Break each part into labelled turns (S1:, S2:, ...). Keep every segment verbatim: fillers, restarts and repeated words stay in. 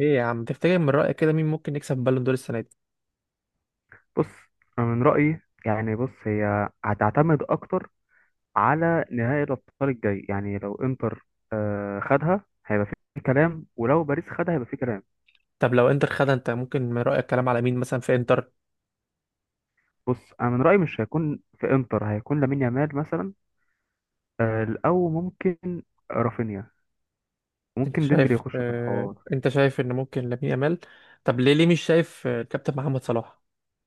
S1: ايه يا عم، تفتكر من رأيك كده مين ممكن يكسب بالون دور السنة دي؟
S2: بص، أنا من رأيي، يعني بص، هي هتعتمد أكتر على نهائي الأبطال الجاي. يعني لو إنتر آه، خدها هيبقى في كلام، ولو باريس خدها هيبقى في كلام.
S1: طب لو انتر خدها، انت ممكن من رأيك كلام على مين مثلا في انتر؟
S2: بص، أنا من رأيي مش هيكون في إنتر، هيكون لامين يامال مثلا. آه، أو ممكن رافينيا،
S1: انت
S2: ممكن ديمبلي
S1: شايف
S2: يخش في
S1: اه
S2: الحوار.
S1: انت شايف ان ممكن لامين يامال؟ طب ليه؟ ليه مش شايف آه، الكابتن محمد صلاح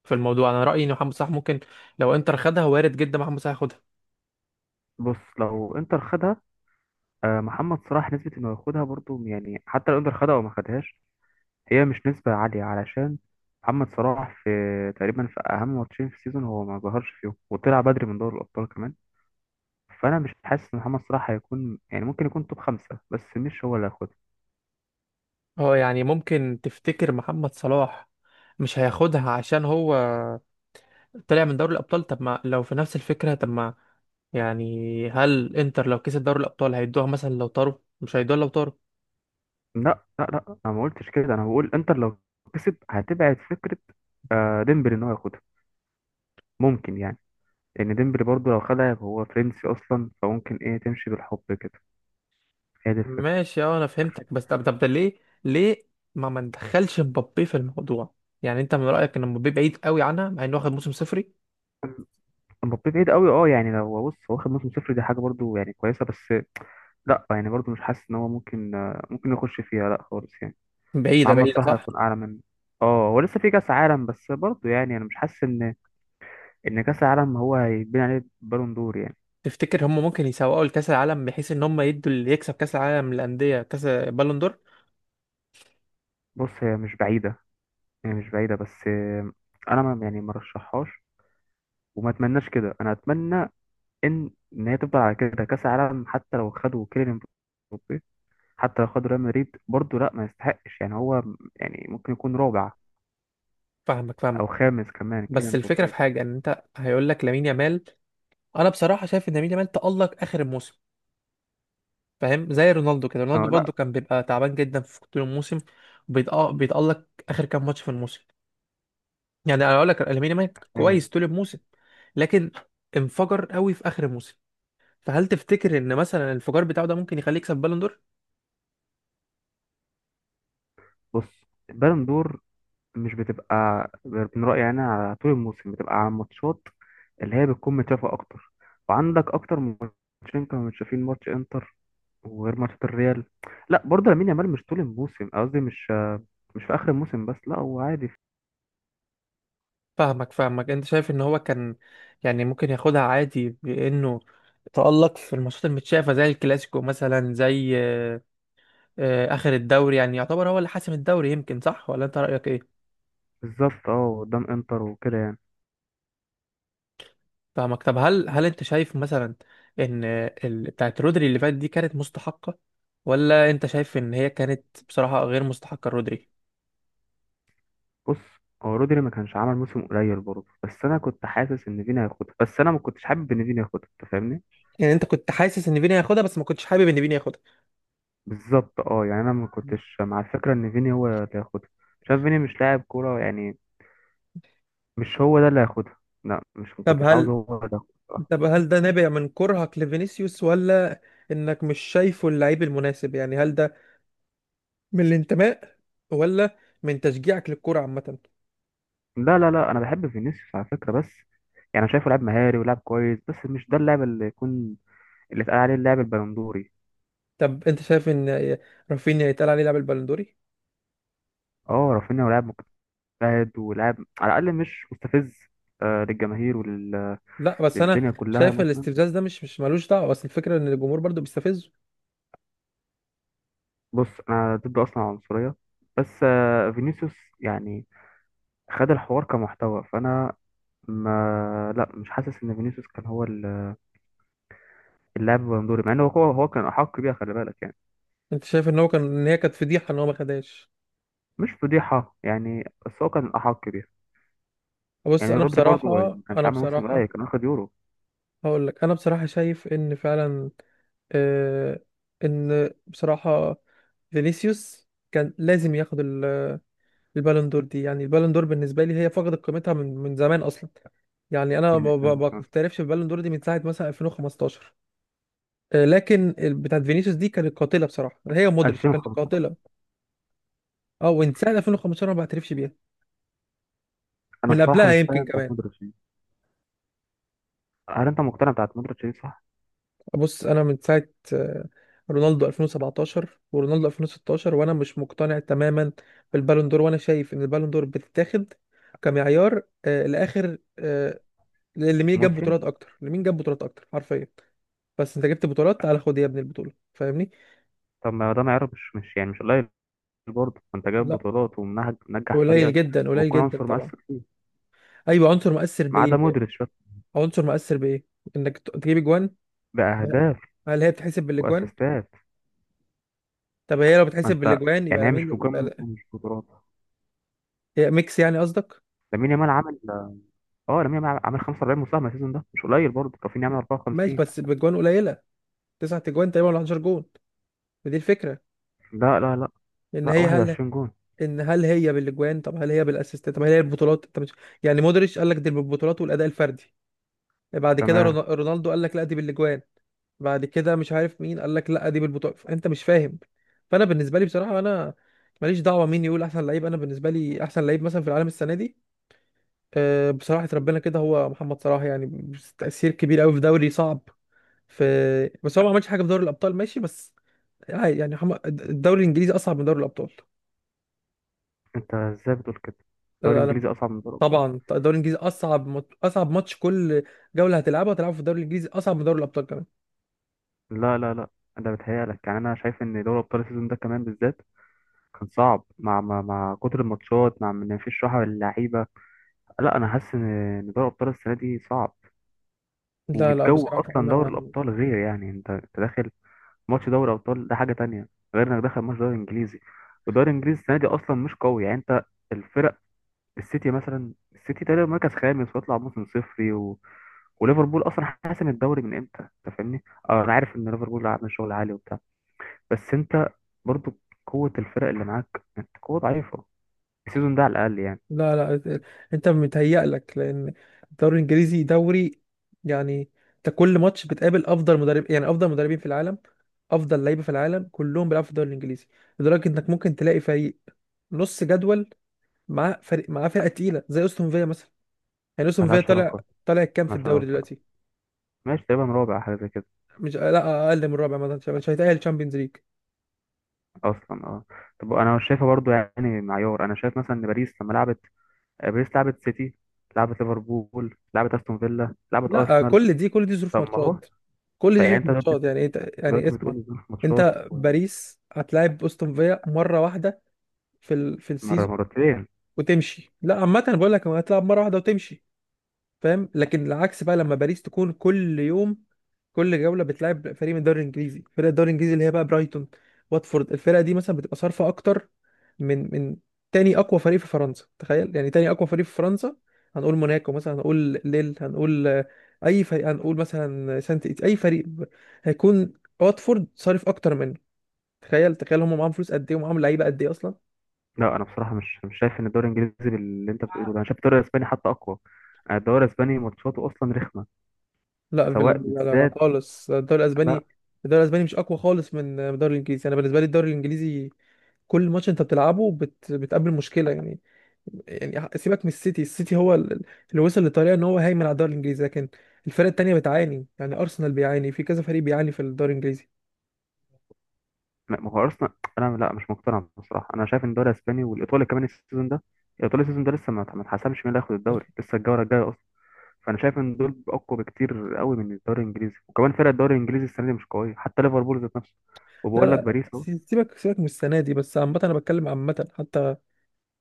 S1: في الموضوع؟ انا رأيي ان محمد صلاح ممكن لو انتر خدها، وارد جدا محمد صلاح ياخدها.
S2: بص، لو إنتر خدها آه، محمد صلاح نسبة إنه ياخدها برضو، يعني حتى لو إنتر خدها أو ما خدهاش، هي مش نسبة عالية. علشان محمد صلاح في تقريبا في أهم ماتشين في السيزون هو ما ظهرش فيهم، وطلع بدري من دوري الأبطال كمان. فأنا مش حاسس إن محمد صلاح هيكون، يعني ممكن يكون توب خمسة، بس مش هو اللي هياخدها.
S1: اه يعني ممكن تفتكر محمد صلاح مش هياخدها عشان هو طلع من دوري الأبطال؟ طب ما لو في نفس الفكرة، طب ما يعني هل انتر لو كسب دوري الأبطال هيدوها؟ مثلا لو طاروا مش هيدوها؟ لو طاروا
S2: لا لا لا، أنا ما قلتش كده، أنا بقول إنتر لو كسب هتبعد فكرة آه، ديمبلي إن هو ياخدها. ممكن يعني، لأن ديمبلي برضه لو خدها، يبقى هو فرنسي أصلا، فممكن إيه تمشي بالحب كده. هي دي الفكرة.
S1: ماشي. اه انا فهمتك، بس طب طب ده ليه؟ ليه ما ما ندخلش مبابي في الموضوع؟ يعني انت من رايك ان مبابي بعيد قوي عنها مع انه واخد موسم صفري؟
S2: مبابي بعيد قوي، اه يعني لو بص، هو واخد موسم صفر، دي حاجة برضه يعني كويسة، بس لا يعني برضو مش حاسس ان هو ممكن آه، ممكن يخش فيها لا خالص يعني.
S1: بعيده،
S2: محمد
S1: بعيده،
S2: صلاح
S1: صح.
S2: هيكون اعلى منه. اه، هو لسه في كاس عالم، بس برضو يعني انا مش حاسس ان ان كاس العالم هو هيتبني عليه بالون دور يعني.
S1: تفتكر هم ممكن يسوقوا لكاس العالم بحيث ان هم يدوا اللي يكسب كاس العالم للانديه كاس بالون دور؟
S2: بص، هي مش بعيده، هي مش بعيده، بس آه، انا، ما يعني ما رشحهاش وما اتمناش كده. انا اتمنى ان ان هي تفضل على كده كاس العالم. حتى لو خدوا كيليان مبابي، حتى لو خدوا ريال مدريد برضو، لا ما يستحقش يعني. هو يعني ممكن يكون رابع
S1: فاهمك فاهمك.
S2: او خامس كمان كيليان
S1: بس الفكره في
S2: مبابي.
S1: حاجه، ان انت هيقول لك لامين يامال. انا بصراحه شايف ان لامين يامال تالق اخر الموسم. فاهم زي رونالدو كده؟
S2: اه
S1: رونالدو برضو
S2: لا،
S1: كان بيبقى تعبان جدا في طول الموسم، بيتأ- بيتالق اخر كام ماتش في الموسم. يعني انا اقول لك لامين يامال
S2: يعني
S1: كويس طول الموسم، لكن انفجر قوي في اخر الموسم. فهل تفتكر ان مثلا الانفجار بتاعه ده ممكن يخليه يكسب بالون دور؟
S2: بص، بالون دور مش بتبقى، من رأيي أنا، على طول الموسم بتبقى على الماتشات اللي هي بتكون متشافة أكتر، وعندك أكتر من ماتشين كانوا متشافين، ماتش إنتر وغير ماتشات الريال. لا برضه، لامين يامال مش طول الموسم، قصدي مش مش في آخر الموسم بس، لا هو عادي.
S1: فاهمك فاهمك. انت شايف ان هو كان يعني ممكن ياخدها عادي بانه تألق في الماتشات المتشافة، زي الكلاسيكو مثلا، زي آه، اخر الدوري؟ يعني يعتبر هو اللي حاسم الدوري، يمكن صح؟ ولا انت رأيك ايه؟
S2: بالظبط، اه، قدام إنتر وكده يعني.
S1: فاهمك. طب هل هل انت شايف مثلا ان ال... بتاعت رودري اللي فاتت دي كانت مستحقة، ولا انت شايف ان هي كانت بصراحة غير مستحقة رودري؟
S2: بص، هو رودري ما كانش عمل موسم قليل برضه، بس أنا كنت حاسس إن فيني هياخدها، بس أنا ما كنتش حابب إن فيني ياخدها. أنت فاهمني؟
S1: يعني انت كنت حاسس ان فيني هياخدها بس ما كنتش حابب ان فيني ياخدها؟
S2: بالظبط، اه يعني انا ما كنتش مع الفكره ان فيني هو اللي هياخدها. شايف فيني مش لاعب كوره يعني، مش هو ده اللي هياخدها. لا مش، ما
S1: طب
S2: كنتش عاوز
S1: هل،
S2: هو ده ياخدها.
S1: طب هل ده نابع من كرهك لفينيسيوس، ولا انك مش شايفه اللعيب المناسب؟ يعني هل ده من الانتماء، ولا من تشجيعك للكرة عامة؟
S2: لا لا لا، انا بحب فينيسيوس على فكره، بس يعني انا شايفه لاعب مهاري ولاعب كويس، بس مش ده اللاعب اللي يكون اللي اتقال عليه اللاعب البلندوري.
S1: طب انت شايف ان رافينيا يتقال عليه لاعب البالندوري؟
S2: اه، رافينيا هو لاعب مجتهد ولاعب، على الاقل مش مستفز آه للجماهير وللدنيا
S1: لا، بس انا
S2: كلها
S1: شايف
S2: مثلا.
S1: الاستفزاز ده مش، مش ملوش دعوة. بس الفكرة ان الجمهور برضو بيستفزه.
S2: بص، انا ضد اصلا العنصريه، بس آه فينيسيوس يعني، خد الحوار كمحتوى. فانا ما، لا مش حاسس ان فينيسيوس كان هو ال- اللاعب البندوري، مع انه هو هو كان احق بيها، خلي بالك يعني.
S1: انت شايف ان هو كان، ان هي كانت فضيحة ان هو ما خدهاش؟
S2: مش فضيحه يعني، بس هو كان احق بيها.
S1: بص
S2: يعني
S1: انا
S2: رودري برضه، يعني
S1: بصراحة
S2: ما كانش
S1: انا
S2: عامل موسم قليل،
S1: بصراحة
S2: كان واخد يورو
S1: هقول لك، انا بصراحه شايف ان فعلا، آه ان بصراحه فينيسيوس كان لازم ياخد ال- البالون دور دي. يعني البالون دور بالنسبه لي هي فقدت قيمتها من من زمان اصلا. يعني انا ما
S2: من
S1: ما- ما
S2: من- من
S1: بعترفش بالبالون دور دي من ساعه مثلا ألفين وخمستاشر. آه، لكن ال- بتاعت فينيسيوس دي كانت قاتله بصراحه، هي مودريتش كانت
S2: ألفين وخمستاشر.
S1: قاتله. اه، ومن ساعه ألفين وخمسة عشر انا ما بعترفش بيها،
S2: انا
S1: من
S2: بصراحه
S1: قبلها
S2: مش
S1: يمكن
S2: فاهم بتاعت
S1: كمان.
S2: مودريتش دي. هل انت مقتنع بتاعت مودريتش دي؟ صح.
S1: بص انا من ساعه آه، رونالدو ألفين وسبعتاشر ورونالدو ألفين وستاشر وانا مش مقتنع تماما بالبالون دور. وانا شايف ان البالون دور بتتاخد كمعيار آه، لاخر آه، لمين جاب
S2: موسم.
S1: بطولات اكتر، لمين جاب بطولات اكتر حرفيا. بس انت جبت بطولات، تعالى خد يا ابني البطوله، فاهمني؟
S2: طب ما ده معيار، مش مش يعني مش قليل برضه، انت جايب
S1: لا،
S2: بطولات ومنجح
S1: قليل
S2: فريقك
S1: جدا، قليل
S2: وبتكون
S1: جدا
S2: عنصر
S1: طبعا.
S2: مؤثر فيه.
S1: ايوه، عنصر مؤثر
S2: ما
S1: بايه
S2: عدا
S1: بقى؟
S2: مودريتش بقى.
S1: عنصر مؤثر بايه؟ انك ت- تجيب اجوان؟ لا.
S2: باهداف
S1: هل هي بتحسب بالاجوان؟
S2: واسيستات.
S1: طب هي لو
S2: ما
S1: بتحسب
S2: انت،
S1: بالاجوان يبقى
S2: يعني هي مش
S1: لمين؟ يبقى
S2: بجم،
S1: ل-
S2: مش بطولات.
S1: هي ميكس يعني قصدك؟
S2: لامين يامال عمل اه لامين يامال عمل خمسة وأربعين مساهمة السيزون ده، مش قليل برضه، كافيني عمل
S1: ماشي،
S2: أربعة وخمسين.
S1: بس بجوان قليله، تسعة اجوان تقريبا ولا حداشر جون؟ ما دي الفكره،
S2: لا لا لا
S1: ان
S2: لا،
S1: هي هل
S2: واحد وعشرين جون
S1: ان هل هي بالاجوان؟ طب هل هي بالاسيستات؟ طب هل هي البطولات؟ طب مش... يعني مودريتش قال لك دي بالبطولات والاداء الفردي، بعد كده رون-
S2: كمان.
S1: رونالدو قال لك لا دي بالاجوان، بعد كده مش عارف مين قال لك لا دي بالبطولات. انت مش فاهم. فانا بالنسبه لي بصراحه، انا ماليش دعوه مين يقول احسن لعيب. انا بالنسبه لي احسن لعيب مثلا في العالم السنه دي، أه بصراحه ربنا، كده هو محمد صلاح. يعني تاثير كبير قوي في دوري صعب في، بس هو ما عملش حاجه في دوري الابطال ماشي. بس هاي يعني، حما- الدوري الانجليزي اصعب من دوري الابطال.
S2: انت ازاي بتقول كده؟
S1: لا
S2: الدوري
S1: لا لا
S2: الانجليزي اصعب من دوري الابطال؟
S1: طبعا الدوري الانجليزي اصعب، مط- اصعب ماتش كل جوله هتلعبها، هتلعبه في الدوري الانجليزي اصعب من دوري الابطال كمان.
S2: لا لا لا، ده بتهيألك يعني. انا شايف ان دوري الابطال السيزون ده كمان بالذات كان صعب، مع مع, مع كتر الماتشات، مع ان مفيش راحة للعيبة. لا، انا حاسس ان إن دوري الابطال السنة دي صعب.
S1: لا لا
S2: والجو
S1: بصراحه،
S2: اصلا دوري
S1: انا
S2: الابطال غير. يعني انت انت داخل ماتش دوري ابطال، ده حاجه تانية غير انك داخل ماتش دوري انجليزي. والدوري الانجليزي السنه دي اصلا مش قوي، يعني انت، الفرق، السيتي مثلا، السيتي تقريبا مركز خامس ويطلع موسم صفري، و... وليفربول اصلا حاسم الدوري من امتى، انت فاهمني. اه، انا عارف ان ليفربول عامل شغل عالي وبتاع، بس انت برضو قوه الفرق اللي معاك، انت قوه ضعيفه السيزون ده على الاقل يعني.
S1: لا لا انت متهيألك لان الدوري الانجليزي دوري، يعني انت كل ماتش بتقابل افضل مدرب، يعني افضل مدربين في العالم، افضل لعيبه في العالم كلهم بيلعبوا في الدوري الانجليزي. لدرجه انك ممكن تلاقي فريق نص جدول معاه فريق، معاه فرقه تقيله زي استون فيا مثلا. يعني استون فيا
S2: ملهاش
S1: طالع،
S2: علاقه،
S1: طالع كام في
S2: ملهاش
S1: الدوري
S2: علاقه.
S1: دلوقتي؟
S2: ماشي، تقريبا رابع حاجه زي كده
S1: مش آه، لا، اقل من الرابع مثلا، مش هيتأهل تشامبيونز ليج.
S2: اصلا، اه. طب، انا شايفه برضو يعني معيار، انا شايف مثلا ان باريس لما لعبت آه، باريس لعبت سيتي، لعبت ليفربول، لعبت استون فيلا، لعبت
S1: لا،
S2: ارسنال.
S1: كل دي كل دي ظروف
S2: طب ما هو،
S1: ماتشات، كل
S2: طيب
S1: دي
S2: يعني
S1: ظروف
S2: انت دلوقتي
S1: ماتشات. يعني انت، يعني
S2: دلوقتي بتقول
S1: اسمع،
S2: إن في ماتشات،
S1: انت باريس هتلاعب استون فيا مره واحده في ال... في
S2: مره،
S1: السيزون
S2: مرتين.
S1: وتمشي. لا، عامه بقول لك هتلاعب مره واحده وتمشي، فاهم؟ لكن العكس بقى، لما باريس تكون كل يوم كل جولة بتلعب فريق من الدوري الانجليزي. فرق الدوري الانجليزي اللي هي بقى برايتون، واتفورد، الفرقة دي مثلا بتبقى صارفة اكتر من من تاني اقوى فريق في فرنسا. تخيل، يعني تاني اقوى فريق في فرنسا، هنقول موناكو مثلا، هنقول ليل، هنقول آه، اي فريق، هنقول مثلا سانت إيت- اي فريق ب- هيكون واتفورد صارف اكتر منه. تخيل، تخيل هم معاهم فلوس قد ايه، ومعاهم لعيبة قد ايه اصلا.
S2: لا، انا بصراحه مش مش شايف ان الدوري الانجليزي باللي انت بتقوله ده. انا شايف الدوري الاسباني حتى اقوى. أنا الدوري الاسباني ماتشاته اصلا رخمه
S1: لا
S2: سواء
S1: بال... لا لا لا
S2: بالذات.
S1: خالص الدوري
S2: لا.
S1: الاسباني، الدوري الاسباني مش اقوى خالص من الدوري الانجليزي. انا بالنسبه لي الدوري الانجليزي كل ماتش انت بتلعبه بت... بتقابل مشكله. يعني، يعني سيبك من السيتي. السيتي هو ال- اللي وصل للطريقه ان هو هيمن على الدوري الانجليزي، لكن الفرق التانيه بتعاني. يعني ارسنال بيعاني، في كذا فريق بيعاني في الدوري الانجليزي.
S2: ما ما هو ارسنال. انا، لا مش مقتنع بصراحه. انا شايف ان الدوري الاسباني والايطالي كمان السيزون ده. الايطالي السيزون ده لسه ما ما اتحسمش مين اللي هياخد الدوري لسه، الجوله الجايه اصلا. فانا شايف ان دول اقوى بكتير قوي من الدوري الانجليزي، وكمان فرق الدوري الانجليزي السنه دي مش قويه، حتى ليفربول ذات نفسه.
S1: لا
S2: وبقول لك
S1: لا
S2: باريس اهو.
S1: سي- سيبك، سيبك من السنه دي، بس عامه انا بتكلم عامه حتى،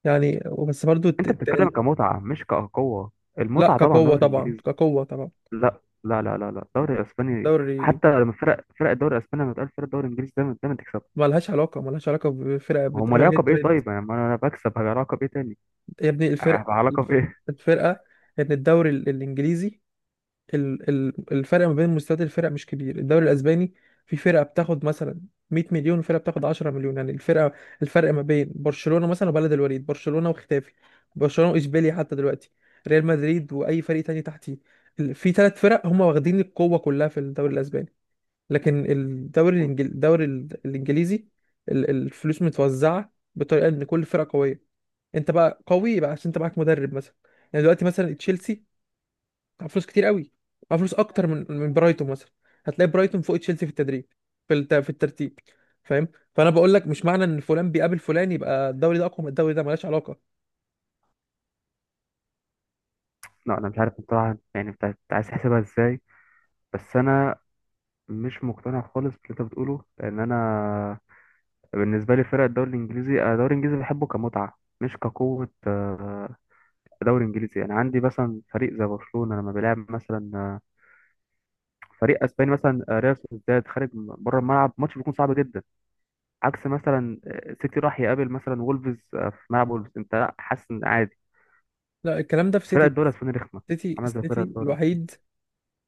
S1: يعني. بس برضو الت-
S2: انت بتتكلم
S1: الت-
S2: كمتعه مش كقوه.
S1: لا
S2: المتعه طبعا
S1: كقوه
S2: دوري
S1: طبعا،
S2: انجليزي.
S1: كقوه طبعا.
S2: لا لا لا لا لا، الدوري الاسباني
S1: الدوري
S2: حتى لما فرق فرق الدوري الاسباني، لما تقول فرق الدوري الانجليزي دايما دايما تكسب.
S1: ملهاش علاقه، ملهاش علاقه بفرقه
S2: ما هم،
S1: بتقابل
S2: العلاقه
S1: هيد تو
S2: بايه؟
S1: هيد.
S2: طيب يعني ما انا بكسب، هي علاقه بايه تاني؟
S1: يا ابني الفرق،
S2: هيبقى علاقه بايه؟
S1: الفرقة ان الدوري ال- الانجليزي، ال- ال- الفرق ما بين مستويات الفرق مش كبير. الدوري الاسباني في فرقة بتاخد مثلا مية مليون وفرقة بتاخد عشرة مليون، يعني الفرقة، الفرق ما بين برشلونة مثلا وبلد الوليد، برشلونة وختافي، برشلونة واشبيليا حتى دلوقتي، ريال مدريد واي فريق تاني تحتيه. ال- في ثلاث فرق هم واخدين القوة كلها في الدوري الاسباني. لكن الدوري الإنجل... الدوري ال- الانجليزي، ال- الفلوس متوزعة بطريقة ان كل فرقة قوية. انت بقى قوي بقى عشان انت معاك مدرب مثلا. يعني دلوقتي مثلا تشيلسي معاه فلوس كتير قوي، معاه فلوس اكتر من من برايتون مثلا. هتلاقي برايتون فوق تشيلسي في التدريب، في الت... في الترتيب. فاهم؟ فانا بقول لك مش معنى ان فلان بيقابل فلان يبقى الدوري ده اقوى من الدوري ده. ملهاش علاقه.
S2: لا، انا مش عارف بصراحه يعني بتاع- عايز تحسبها ازاي. بس انا مش مقتنع خالص باللي انت بتقوله، لان انا بالنسبة لي فرق الدوري الإنجليزي، أنا الدوري الإنجليزي بحبه كمتعة مش كقوة. آه، دوري إنجليزي يعني عندي مثلا فريق زي برشلونة لما بيلعب مثلا آه، فريق أسباني مثلا آه، ريال سوسيداد، خارج بره الملعب ماتش بيكون صعب جدا. عكس مثلا آه، سيتي راح يقابل مثلا وولفز آه، في ملعب وولفز، أنت لا حاسس إن عادي.
S1: لا، الكلام ده في
S2: فرق
S1: سيتي
S2: الدوري
S1: بس.
S2: الأسباني رخمة،
S1: سيتي،
S2: عاملة زي فرق
S1: سيتي
S2: الدوري الإيطالي.
S1: الوحيد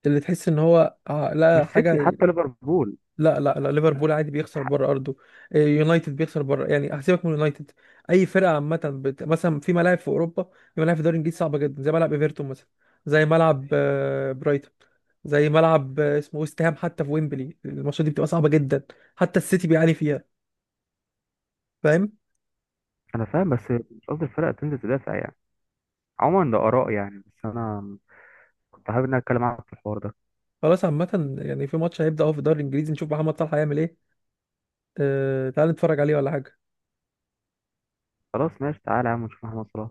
S1: اللي تحس ان هو ع- لا
S2: مش سيتي،
S1: حاجه.
S2: حتى ليفربول.
S1: لا لا لا، ليفربول عادي بيخسر
S2: ح-
S1: بره ارضه، إيه، يونايتد بيخسر بره. يعني هسيبك من يونايتد، اي فرقه عامه بت... مثلا، في ملاعب في اوروبا، في ملاعب في الدوري الانجليزي صعبه جدا، زي ملعب ايفرتون مثلا، زي ملعب آه، برايتون، زي ملعب آه، اسمه ويست هام، حتى في ويمبلي. الماتشات دي بتبقى صعبه جدا، حتى السيتي بيعاني فيها، فاهم؟
S2: أنا فاهم، بس مش قصدي الفرق تنزل تدافع يعني. عموما ده آراء يعني. بس أنا كنت حابب إن أنا أتكلم معاك في الحوار ده.
S1: خلاص، عامه يعني في ماتش هيبدا اهو في الدوري الانجليزي، نشوف محمد صلاح هيعمل ايه. أه... تعال نتفرج عليه ولا حاجه.
S2: خلاص، ماشي، تعالى يا عم نشوف، احنا وصلنا.